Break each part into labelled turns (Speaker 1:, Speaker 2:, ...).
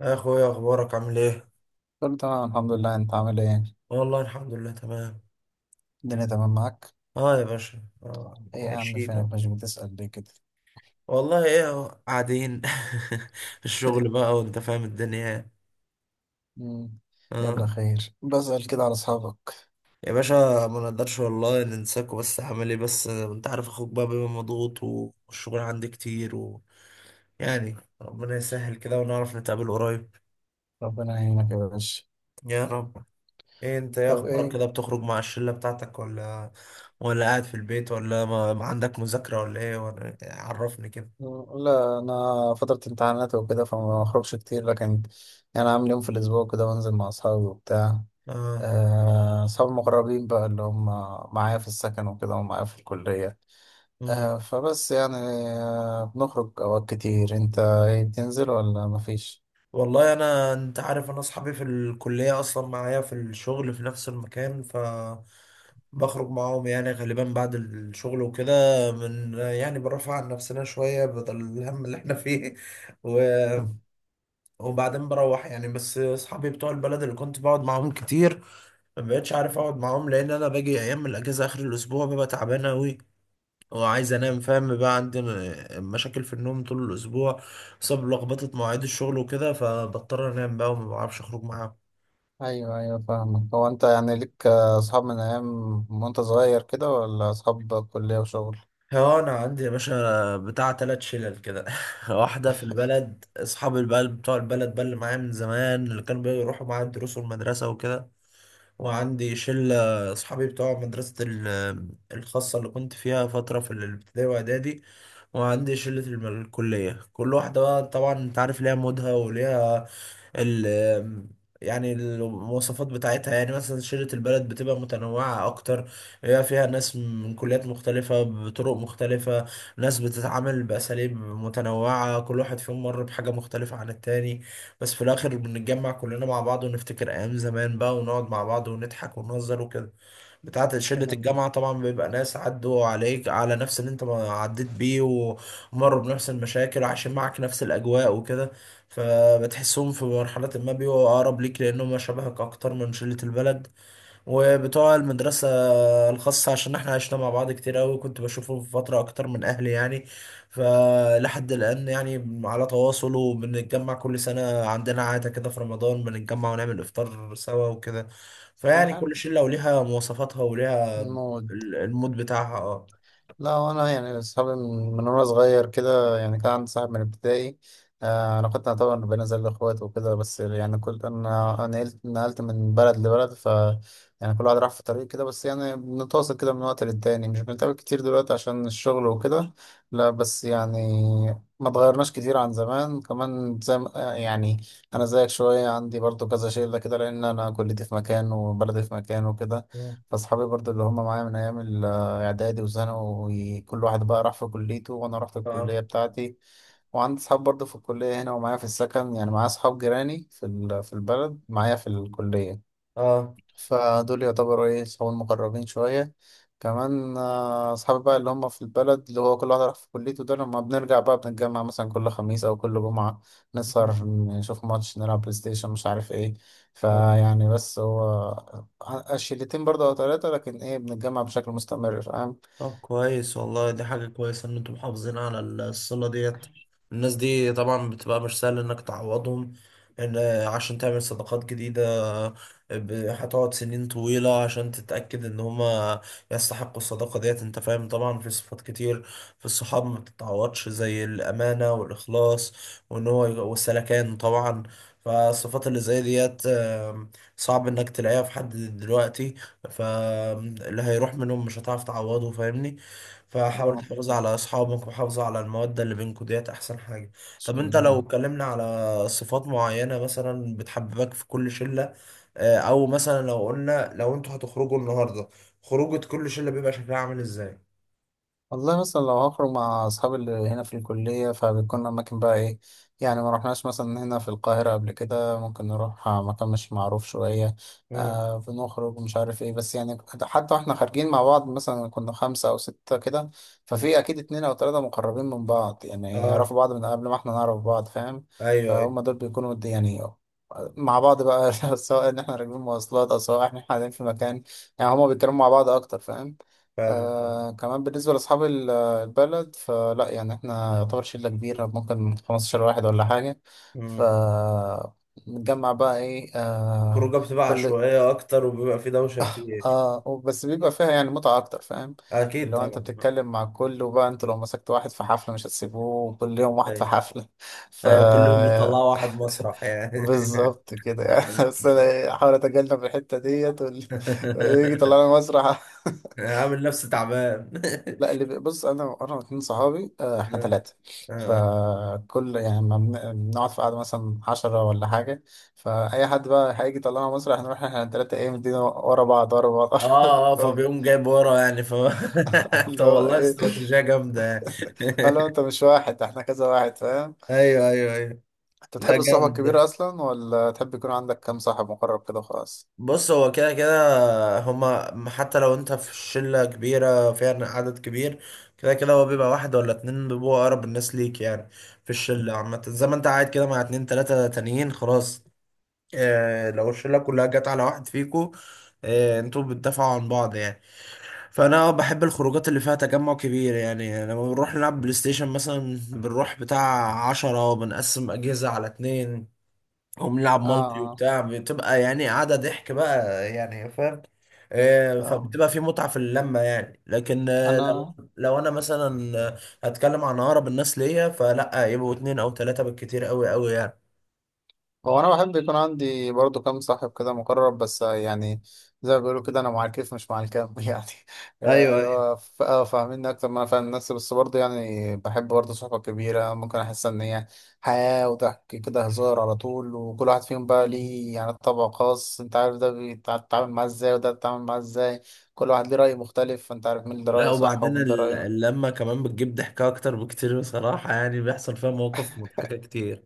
Speaker 1: يا اخويا اخبارك عامل ايه؟
Speaker 2: كله تمام، الحمد لله. انت عامل ايه؟
Speaker 1: والله الحمد لله تمام.
Speaker 2: الدنيا تمام معاك؟
Speaker 1: اه يا باشا
Speaker 2: ايه يا عم،
Speaker 1: عايشين أهو.
Speaker 2: فينك؟ مش بتسأل ليه كده؟
Speaker 1: والله ايه اهو قاعدين في الشغل بقى وانت فاهم الدنيا يعني.
Speaker 2: مم.
Speaker 1: اه
Speaker 2: يلا خير، بسأل كده على اصحابك.
Speaker 1: يا باشا، ما نقدرش والله ننساكوا، بس عامل ايه؟ بس انت عارف، اخوك بقى بيبقى مضغوط والشغل عندي كتير يعني ربنا يسهل كده ونعرف نتقابل قريب.
Speaker 2: ربنا يعينك يا باشا.
Speaker 1: يا رب. ايه انت، ايه
Speaker 2: طب
Speaker 1: اخبارك
Speaker 2: ايه؟
Speaker 1: كده؟ بتخرج مع الشلة بتاعتك ولا قاعد في البيت، ولا ما عندك مذاكرة، ولا ايه ولا إيه؟ عرفني كده.
Speaker 2: لا، انا فترة امتحانات وكده فما بخرجش كتير، لكن يعني عامل يوم في الاسبوع كده بنزل مع اصحابي وبتاع.
Speaker 1: اه.
Speaker 2: اصحابي المقربين بقى اللي هم معايا في السكن وكده ومعايا في الكلية.
Speaker 1: مم.
Speaker 2: فبس يعني. بنخرج اوقات كتير. انت ايه بتنزل ولا مفيش؟
Speaker 1: والله انا، انت عارف، انا اصحابي في الكليه اصلا معايا في الشغل في نفس المكان، ف بخرج معاهم يعني غالبا بعد الشغل وكده، من يعني برفع عن نفسنا شويه بدل الهم اللي احنا فيه و... وبعدين بروح، يعني بس اصحابي بتوع البلد اللي كنت بقعد معاهم كتير ما بقتش عارف اقعد معاهم، لان انا باجي ايام من الاجازه اخر الاسبوع ببقى تعبان قوي وعايز انام، فاهم بقى؟ عندنا مشاكل في النوم طول الاسبوع بسبب لخبطه مواعيد الشغل وكده، فبضطر انام بقى وما بعرفش اخرج معاهم.
Speaker 2: ايوه، ايوه، فاهمك. هو انت يعني ليك اصحاب من ايام وانت صغير كده، ولا اصحاب كلية وشغل؟
Speaker 1: اه انا عندي يا باشا بتاع تلات شلل كده واحده في البلد، اصحاب البلد بتوع البلد بقى اللي معايا من زمان، اللي كانوا بيروحوا معايا الدروس والمدرسه وكده. وعندي شله اصحابي بتوع مدرسه الخاصه اللي كنت فيها فتره في الابتدائي واعدادي. وعندي شلة الكلية. كل واحدة بقى طبعا انت عارف ليها مودها وليها ال يعني المواصفات بتاعتها. يعني مثلا شيرة البلد بتبقى متنوعة أكتر، بيبقى فيها ناس من كليات مختلفة بطرق مختلفة، ناس بتتعامل بأساليب متنوعة، كل واحد فيهم مر بحاجة مختلفة عن التاني، بس في الآخر بنتجمع كلنا مع بعض ونفتكر أيام زمان بقى ونقعد مع بعض ونضحك ونهزر وكده. بتاعة شلة
Speaker 2: ايه.
Speaker 1: الجامعة طبعا بيبقى ناس عدوا عليك على نفس اللي انت ما عديت بيه، ومروا بنفس المشاكل وعايشين معاك نفس الأجواء وكده، فبتحسهم في مرحلة ما بيبقوا أقرب ليك، لأنهم شبهك أكتر من شلة البلد وبتوع المدرسة الخاصة، عشان احنا عشنا مع بعض كتير قوي، كنت بشوفه في فترة اكتر من اهلي يعني. فلحد الان يعني على تواصل، وبنتجمع كل سنة، عندنا عادة كده في رمضان بنتجمع ونعمل افطار سوا وكده. فيعني
Speaker 2: المهم
Speaker 1: كل شلة وليها مواصفاتها وليها
Speaker 2: الموت.
Speaker 1: المود بتاعها. اه.
Speaker 2: لا، وانا يعني اصحابي من وانا صغير كده، يعني كان عندي صاحب من ابتدائي. علاقتنا طبعا بين زي الاخوات وكده، بس يعني كل انا نقلت من بلد لبلد ف يعني كل واحد راح في طريق كده، بس يعني بنتواصل كده من وقت للتاني، مش بنتقابل كتير دلوقتي عشان الشغل وكده. لا بس يعني ما اتغيرناش كتير عن زمان، كمان زي ما- آه، يعني انا زيك شويه عندي برضو كذا شله كده لان انا كليتي في مكان وبلدي في مكان وكده. فاصحابي برضو اللي هم معايا من ايام اعدادي وثانوي، كل واحد بقى راح في كليته وانا رحت
Speaker 1: آه.
Speaker 2: الكليه بتاعتي. وعندي اصحاب برضه في الكليه هنا ومعايا في السكن، يعني معايا اصحاب جيراني في البلد، معايا في الكليه.
Speaker 1: اه
Speaker 2: فدول يعتبروا ايه صحاب المقربين شويه. كمان اصحابي بقى اللي هم في البلد، اللي هو كل واحد راح في كليته، ده لما بنرجع بقى بنتجمع مثلا كل خميس او كل جمعه، نسهر نشوف ماتش نلعب بلاي ستيشن مش عارف ايه.
Speaker 1: اه.
Speaker 2: فيعني بس هو الشلتين برضه او ثلاثه، لكن ايه بنتجمع بشكل مستمر فاهم.
Speaker 1: طب كويس والله، دي حاجة كويسة إن أنتم محافظين على الصلة ديت. الناس دي طبعا بتبقى مش سهل إنك تعوضهم. إن عشان تعمل صداقات جديدة هتقعد سنين طويلة عشان تتأكد إن هما يستحقوا الصداقة ديت. أنت فاهم طبعا في صفات كتير في الصحاب ما بتتعوضش، زي الأمانة والإخلاص والسلكان طبعا. فالصفات اللي زي ديت صعب إنك تلاقيها في حد دلوقتي، فاللي هيروح منهم مش هتعرف تعوضه، فاهمني؟ فحاول
Speaker 2: آه،
Speaker 1: تحافظ
Speaker 2: إن
Speaker 1: على اصحابك وحافظ على المودة اللي بينكوا ديت، احسن حاجة. طب
Speaker 2: شاء
Speaker 1: انت لو
Speaker 2: الله.
Speaker 1: اتكلمنا على صفات معينة مثلا بتحببك في كل شلة، او مثلا لو قلنا لو انتوا هتخرجوا النهاردة، خروجة كل شلة بيبقى شكلها عامل ازاي؟
Speaker 2: والله مثلا لو هخرج مع أصحابي اللي هنا في الكلية فبتكون أماكن بقى إيه، يعني ما رحناش مثلا هنا في القاهرة قبل كده، ممكن نروح مكان مش معروف شوية.
Speaker 1: مم.
Speaker 2: بنخرج مش عارف إيه، بس يعني حتى وإحنا خارجين مع بعض مثلا كنا خمسة أو ستة كده،
Speaker 1: مم.
Speaker 2: ففي أكيد اتنين أو تلاتة مقربين من بعض، يعني
Speaker 1: اه.
Speaker 2: يعرفوا بعض من قبل ما إحنا نعرف بعض فاهم.
Speaker 1: ايوه ايوه
Speaker 2: فهم دول بيكونوا يعني مع بعض بقى سواء إن إحنا راكبين مواصلات أو سواء إحنا قاعدين في مكان، يعني هما بيتكلموا مع بعض أكتر فاهم.
Speaker 1: فاهمك.
Speaker 2: كمان بالنسبة لأصحاب البلد، فلا يعني احنا يعتبر شلة كبيرة، ممكن 15 واحد ولا حاجة. ف
Speaker 1: امم
Speaker 2: نتجمع بقى ايه
Speaker 1: الخروجه بتبقى
Speaker 2: كل
Speaker 1: عشوائيه اكتر وبيبقى في دوشه كتير.
Speaker 2: اه بس بيبقى فيها يعني متعة أكتر فاهم.
Speaker 1: اكيد
Speaker 2: اللي هو أنت
Speaker 1: طبعا.
Speaker 2: بتتكلم مع الكل، وبقى أنت لو مسكت واحد في حفلة مش هتسيبوه، كل يوم واحد في
Speaker 1: ايوه
Speaker 2: حفلة. ف
Speaker 1: ايوه، كل يوم بتطلعوا واحد مسرح يعني
Speaker 2: بالظبط كده يعني بس أنا أحاول أتجنب الحتة ديت ويجي يطلعنا مسرح.
Speaker 1: عامل نفسه تعبان
Speaker 2: لا اللي بص انا اتنين صحابي، احنا
Speaker 1: اه
Speaker 2: ثلاثه. فكل يعني ما بنقعد في قعده مثلا 10 ولا حاجه، فاي حد بقى هيجي طلعنا مصر هنروح احنا الثلاثه ايه مدينا ورا بعض ورا بعض ورا
Speaker 1: اه. اه
Speaker 2: بعض.
Speaker 1: فبيقوم جايب ورا يعني ف طب
Speaker 2: اللي هو
Speaker 1: والله
Speaker 2: ايه.
Speaker 1: استراتيجية جامدة يعني
Speaker 2: قال له انت مش واحد، احنا كذا واحد فاهم.
Speaker 1: ايوه ايوه ايوه.
Speaker 2: انت
Speaker 1: لا
Speaker 2: بتحب الصحبه
Speaker 1: جامد ده.
Speaker 2: الكبيره اصلا، ولا تحب يكون عندك كام صاحب مقرب كده وخلاص؟
Speaker 1: بص هو كده كده هما، حتى لو انت في شلة كبيرة فيها عدد كبير، كده كده هو بيبقى واحد ولا اتنين بيبقوا اقرب الناس ليك يعني في الشلة عامة، زي ما انت قاعد كده مع اتنين تلاتة تانيين خلاص. لو الشلة كلها جت على واحد فيكو، انتوا بتدافعوا عن بعض يعني. فانا بحب الخروجات اللي فيها تجمع كبير يعني، يعني لما بنروح نلعب بلاي ستيشن مثلا بنروح بتاع عشرة وبنقسم اجهزة على اتنين وبنلعب
Speaker 2: اه.
Speaker 1: مالتي
Speaker 2: آه.
Speaker 1: وبتاع، بتبقى يعني قاعدة ضحك بقى يعني، فاهم؟
Speaker 2: تمام.
Speaker 1: فبتبقى في متعة في اللمة يعني. لكن
Speaker 2: انا
Speaker 1: لو انا مثلا هتكلم عن اقرب الناس ليا، فلا، يبقوا اتنين او تلاتة بالكتير قوي قوي يعني.
Speaker 2: هو انا بحب يكون عندي برضو كام صاحب كده مقرب، بس يعني زي ما بيقولوا كده، انا مع الكيف مش مع الكام يعني،
Speaker 1: ايوه
Speaker 2: اللي هو فاهميني اكتر ما انا فاهم نفسي، بس برضو يعني بحب برضو صحبة كبيرة، ممكن احس ان هي حياة وضحك كده هزار على طول، وكل واحد فيهم بقى
Speaker 1: ايوه.
Speaker 2: ليه يعني طبع خاص، انت عارف ده بيتعامل معاه ازاي وده بيتعامل معاه ازاي، كل واحد ليه رأي مختلف فانت عارف مين اللي
Speaker 1: لا
Speaker 2: رأيه صح
Speaker 1: وبعدين
Speaker 2: ومين ده رأيه.
Speaker 1: اللمة كمان بتجيب ضحكة أكتر بكتير بصراحة، يعني بيحصل فيها مواقف مضحكة كتير.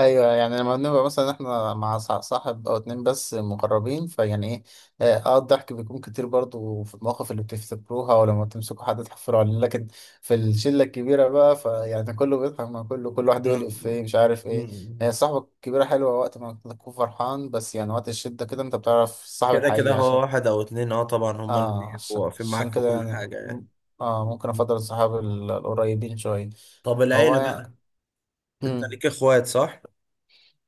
Speaker 2: ايوه، يعني لما بنبقى مثلا احنا مع صاحب او اتنين بس مقربين فيعني ايه، الضحك بيكون كتير برضو في المواقف اللي بتفتكروها ولما تمسكوا حد تحفروا عليه، لكن في الشله الكبيره بقى فيعني كله بيضحك مع كله، كل واحد يقول
Speaker 1: نعم.
Speaker 2: افيه مش عارف ايه.
Speaker 1: مم.
Speaker 2: الصحبه الكبيره حلوه وقت ما تكون فرحان، بس يعني وقت الشده كده انت بتعرف الصاحب
Speaker 1: كده كده
Speaker 2: الحقيقي،
Speaker 1: هو
Speaker 2: عشان
Speaker 1: واحد أو اتنين، اه طبعا هما اللي
Speaker 2: اه
Speaker 1: بيبقوا
Speaker 2: عشان
Speaker 1: واقفين معاك
Speaker 2: عشان
Speaker 1: في
Speaker 2: كده
Speaker 1: كل
Speaker 2: يعني
Speaker 1: حاجة يعني.
Speaker 2: اه ممكن
Speaker 1: مم.
Speaker 2: افضل الصحاب القريبين شويه.
Speaker 1: طب
Speaker 2: هو
Speaker 1: العيلة
Speaker 2: يعني،
Speaker 1: بقى، أنت
Speaker 2: مم.
Speaker 1: ليك إخوات صح؟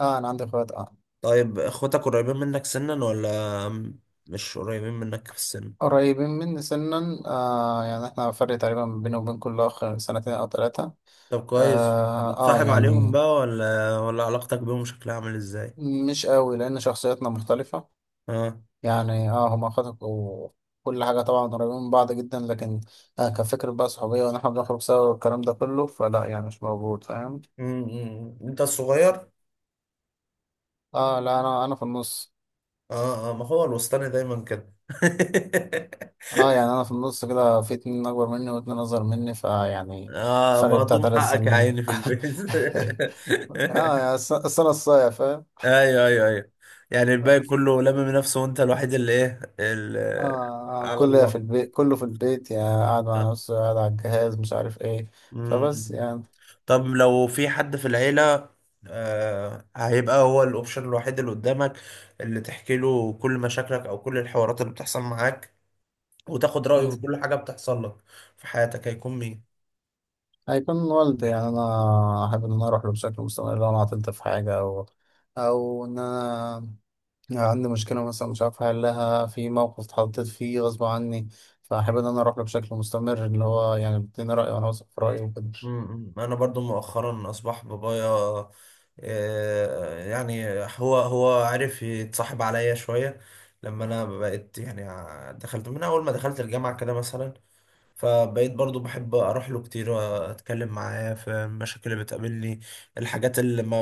Speaker 2: اه، انا عندي اخوات اه.
Speaker 1: طيب إخواتك قريبين منك سنا مش قريبين منك في السن؟
Speaker 2: قريبين مني سنا، آه يعني احنا فرق تقريبا بيني وبين كل اخ سنتين او ثلاثة.
Speaker 1: طب كويس.
Speaker 2: آه, اه
Speaker 1: بتصاحب عليهم
Speaker 2: يعني
Speaker 1: بقى ولا علاقتك بيهم شكلها عامل إزاي؟
Speaker 2: مش قوي لان شخصياتنا مختلفة،
Speaker 1: اه.
Speaker 2: يعني اه هما اخواتك وكل حاجة طبعا قريبين من بعض جدا، لكن كفكرة بقى صحوبية، وان احنا بنخرج سوا والكلام ده كله فلا يعني مش موجود فاهم.
Speaker 1: مم. أنت الصغير؟
Speaker 2: اه لا، انا في النص.
Speaker 1: اه اه، ما هو الوسطاني دايما كده
Speaker 2: اه يعني انا في النص كده، في اتنين اكبر مني واتنين اصغر مني فيعني
Speaker 1: اه
Speaker 2: الفرق بتاع
Speaker 1: مهضوم
Speaker 2: ثلاث
Speaker 1: حقك يا
Speaker 2: سنين
Speaker 1: عيني في البيت
Speaker 2: اه يعني السنة الصايع فاهم.
Speaker 1: ايوه ايوه ايوه، يعني الباقي كله لمم نفسه وانت الوحيد اللي ايه اللي على
Speaker 2: كله في
Speaker 1: الله.
Speaker 2: البيت، كله في البيت، يا قاعد مع نفسه قاعد على الجهاز مش عارف ايه. فبس
Speaker 1: مم.
Speaker 2: يعني.
Speaker 1: طب لو في حد في العيلة هيبقى هو الاوبشن الوحيد اللي قدامك، اللي تحكي له كل مشاكلك او كل الحوارات اللي بتحصل معاك وتاخد رأيه في
Speaker 2: مم.
Speaker 1: كل حاجة بتحصل لك في حياتك، هيكون مين؟
Speaker 2: هيكون والدي، يعني انا احب ان انا اروح له بشكل مستمر لو انا عطلت في حاجة، او ان انا عندي مشكلة مثلا مش عارف احلها في موقف اتحطيت فيه غصب عني، فاحب ان انا اروح له بشكل مستمر اللي هو يعني بيديني رأي، وانا واثق في رأيه وكده.
Speaker 1: انا برضو مؤخرا اصبح بابايا، آه، يعني هو عارف يتصاحب عليا شوية، لما انا بقيت يعني دخلت من اول ما دخلت الجامعة كده مثلا، فبقيت برضو بحب اروح له كتير واتكلم معاه في المشاكل اللي بتقابلني، الحاجات اللي ما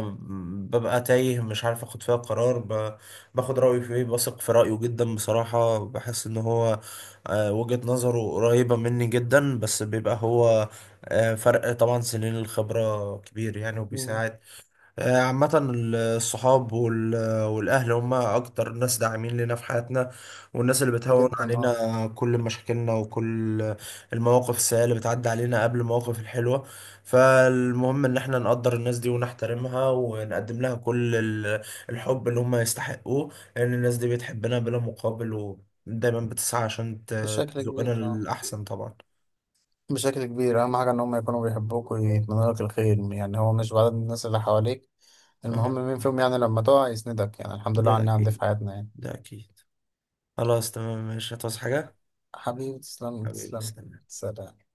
Speaker 1: ببقى تايه مش عارف اخد فيها قرار، باخد رأيه فيه، بثق في رأيه جدا بصراحة، بحس ان هو وجهة نظره قريبة مني جدا، بس بيبقى هو فرق طبعا سنين الخبرة كبير يعني
Speaker 2: مم.
Speaker 1: وبيساعد. عامة الصحاب والأهل هم أكتر ناس داعمين لنا في حياتنا، والناس اللي بتهون
Speaker 2: جدا، اه.
Speaker 1: علينا كل مشاكلنا وكل المواقف السيئة اللي بتعدي علينا قبل المواقف الحلوة. فالمهم إن احنا نقدر الناس دي ونحترمها ونقدم لها كل الحب اللي هم يستحقوه، لأن الناس دي بتحبنا بلا مقابل ودايما بتسعى عشان
Speaker 2: بشكل
Speaker 1: تزقنا
Speaker 2: كبير، اه.
Speaker 1: للأحسن طبعا.
Speaker 2: بشكل كبير أهم حاجة إن هم يكونوا بيحبوك ويتمنوا لك الخير، يعني هو مش بعدد الناس اللي حواليك، المهم
Speaker 1: آه،
Speaker 2: مين فيهم يعني لما تقع يسندك، يعني الحمد لله على
Speaker 1: ده
Speaker 2: النعم دي في
Speaker 1: أكيد،
Speaker 2: حياتنا يعني.
Speaker 1: ده أكيد. خلاص تمام ماشي، هتعوز حاجة؟
Speaker 2: حبيبي تسلم
Speaker 1: حبيبي
Speaker 2: تسلم.
Speaker 1: سلام.
Speaker 2: سلام.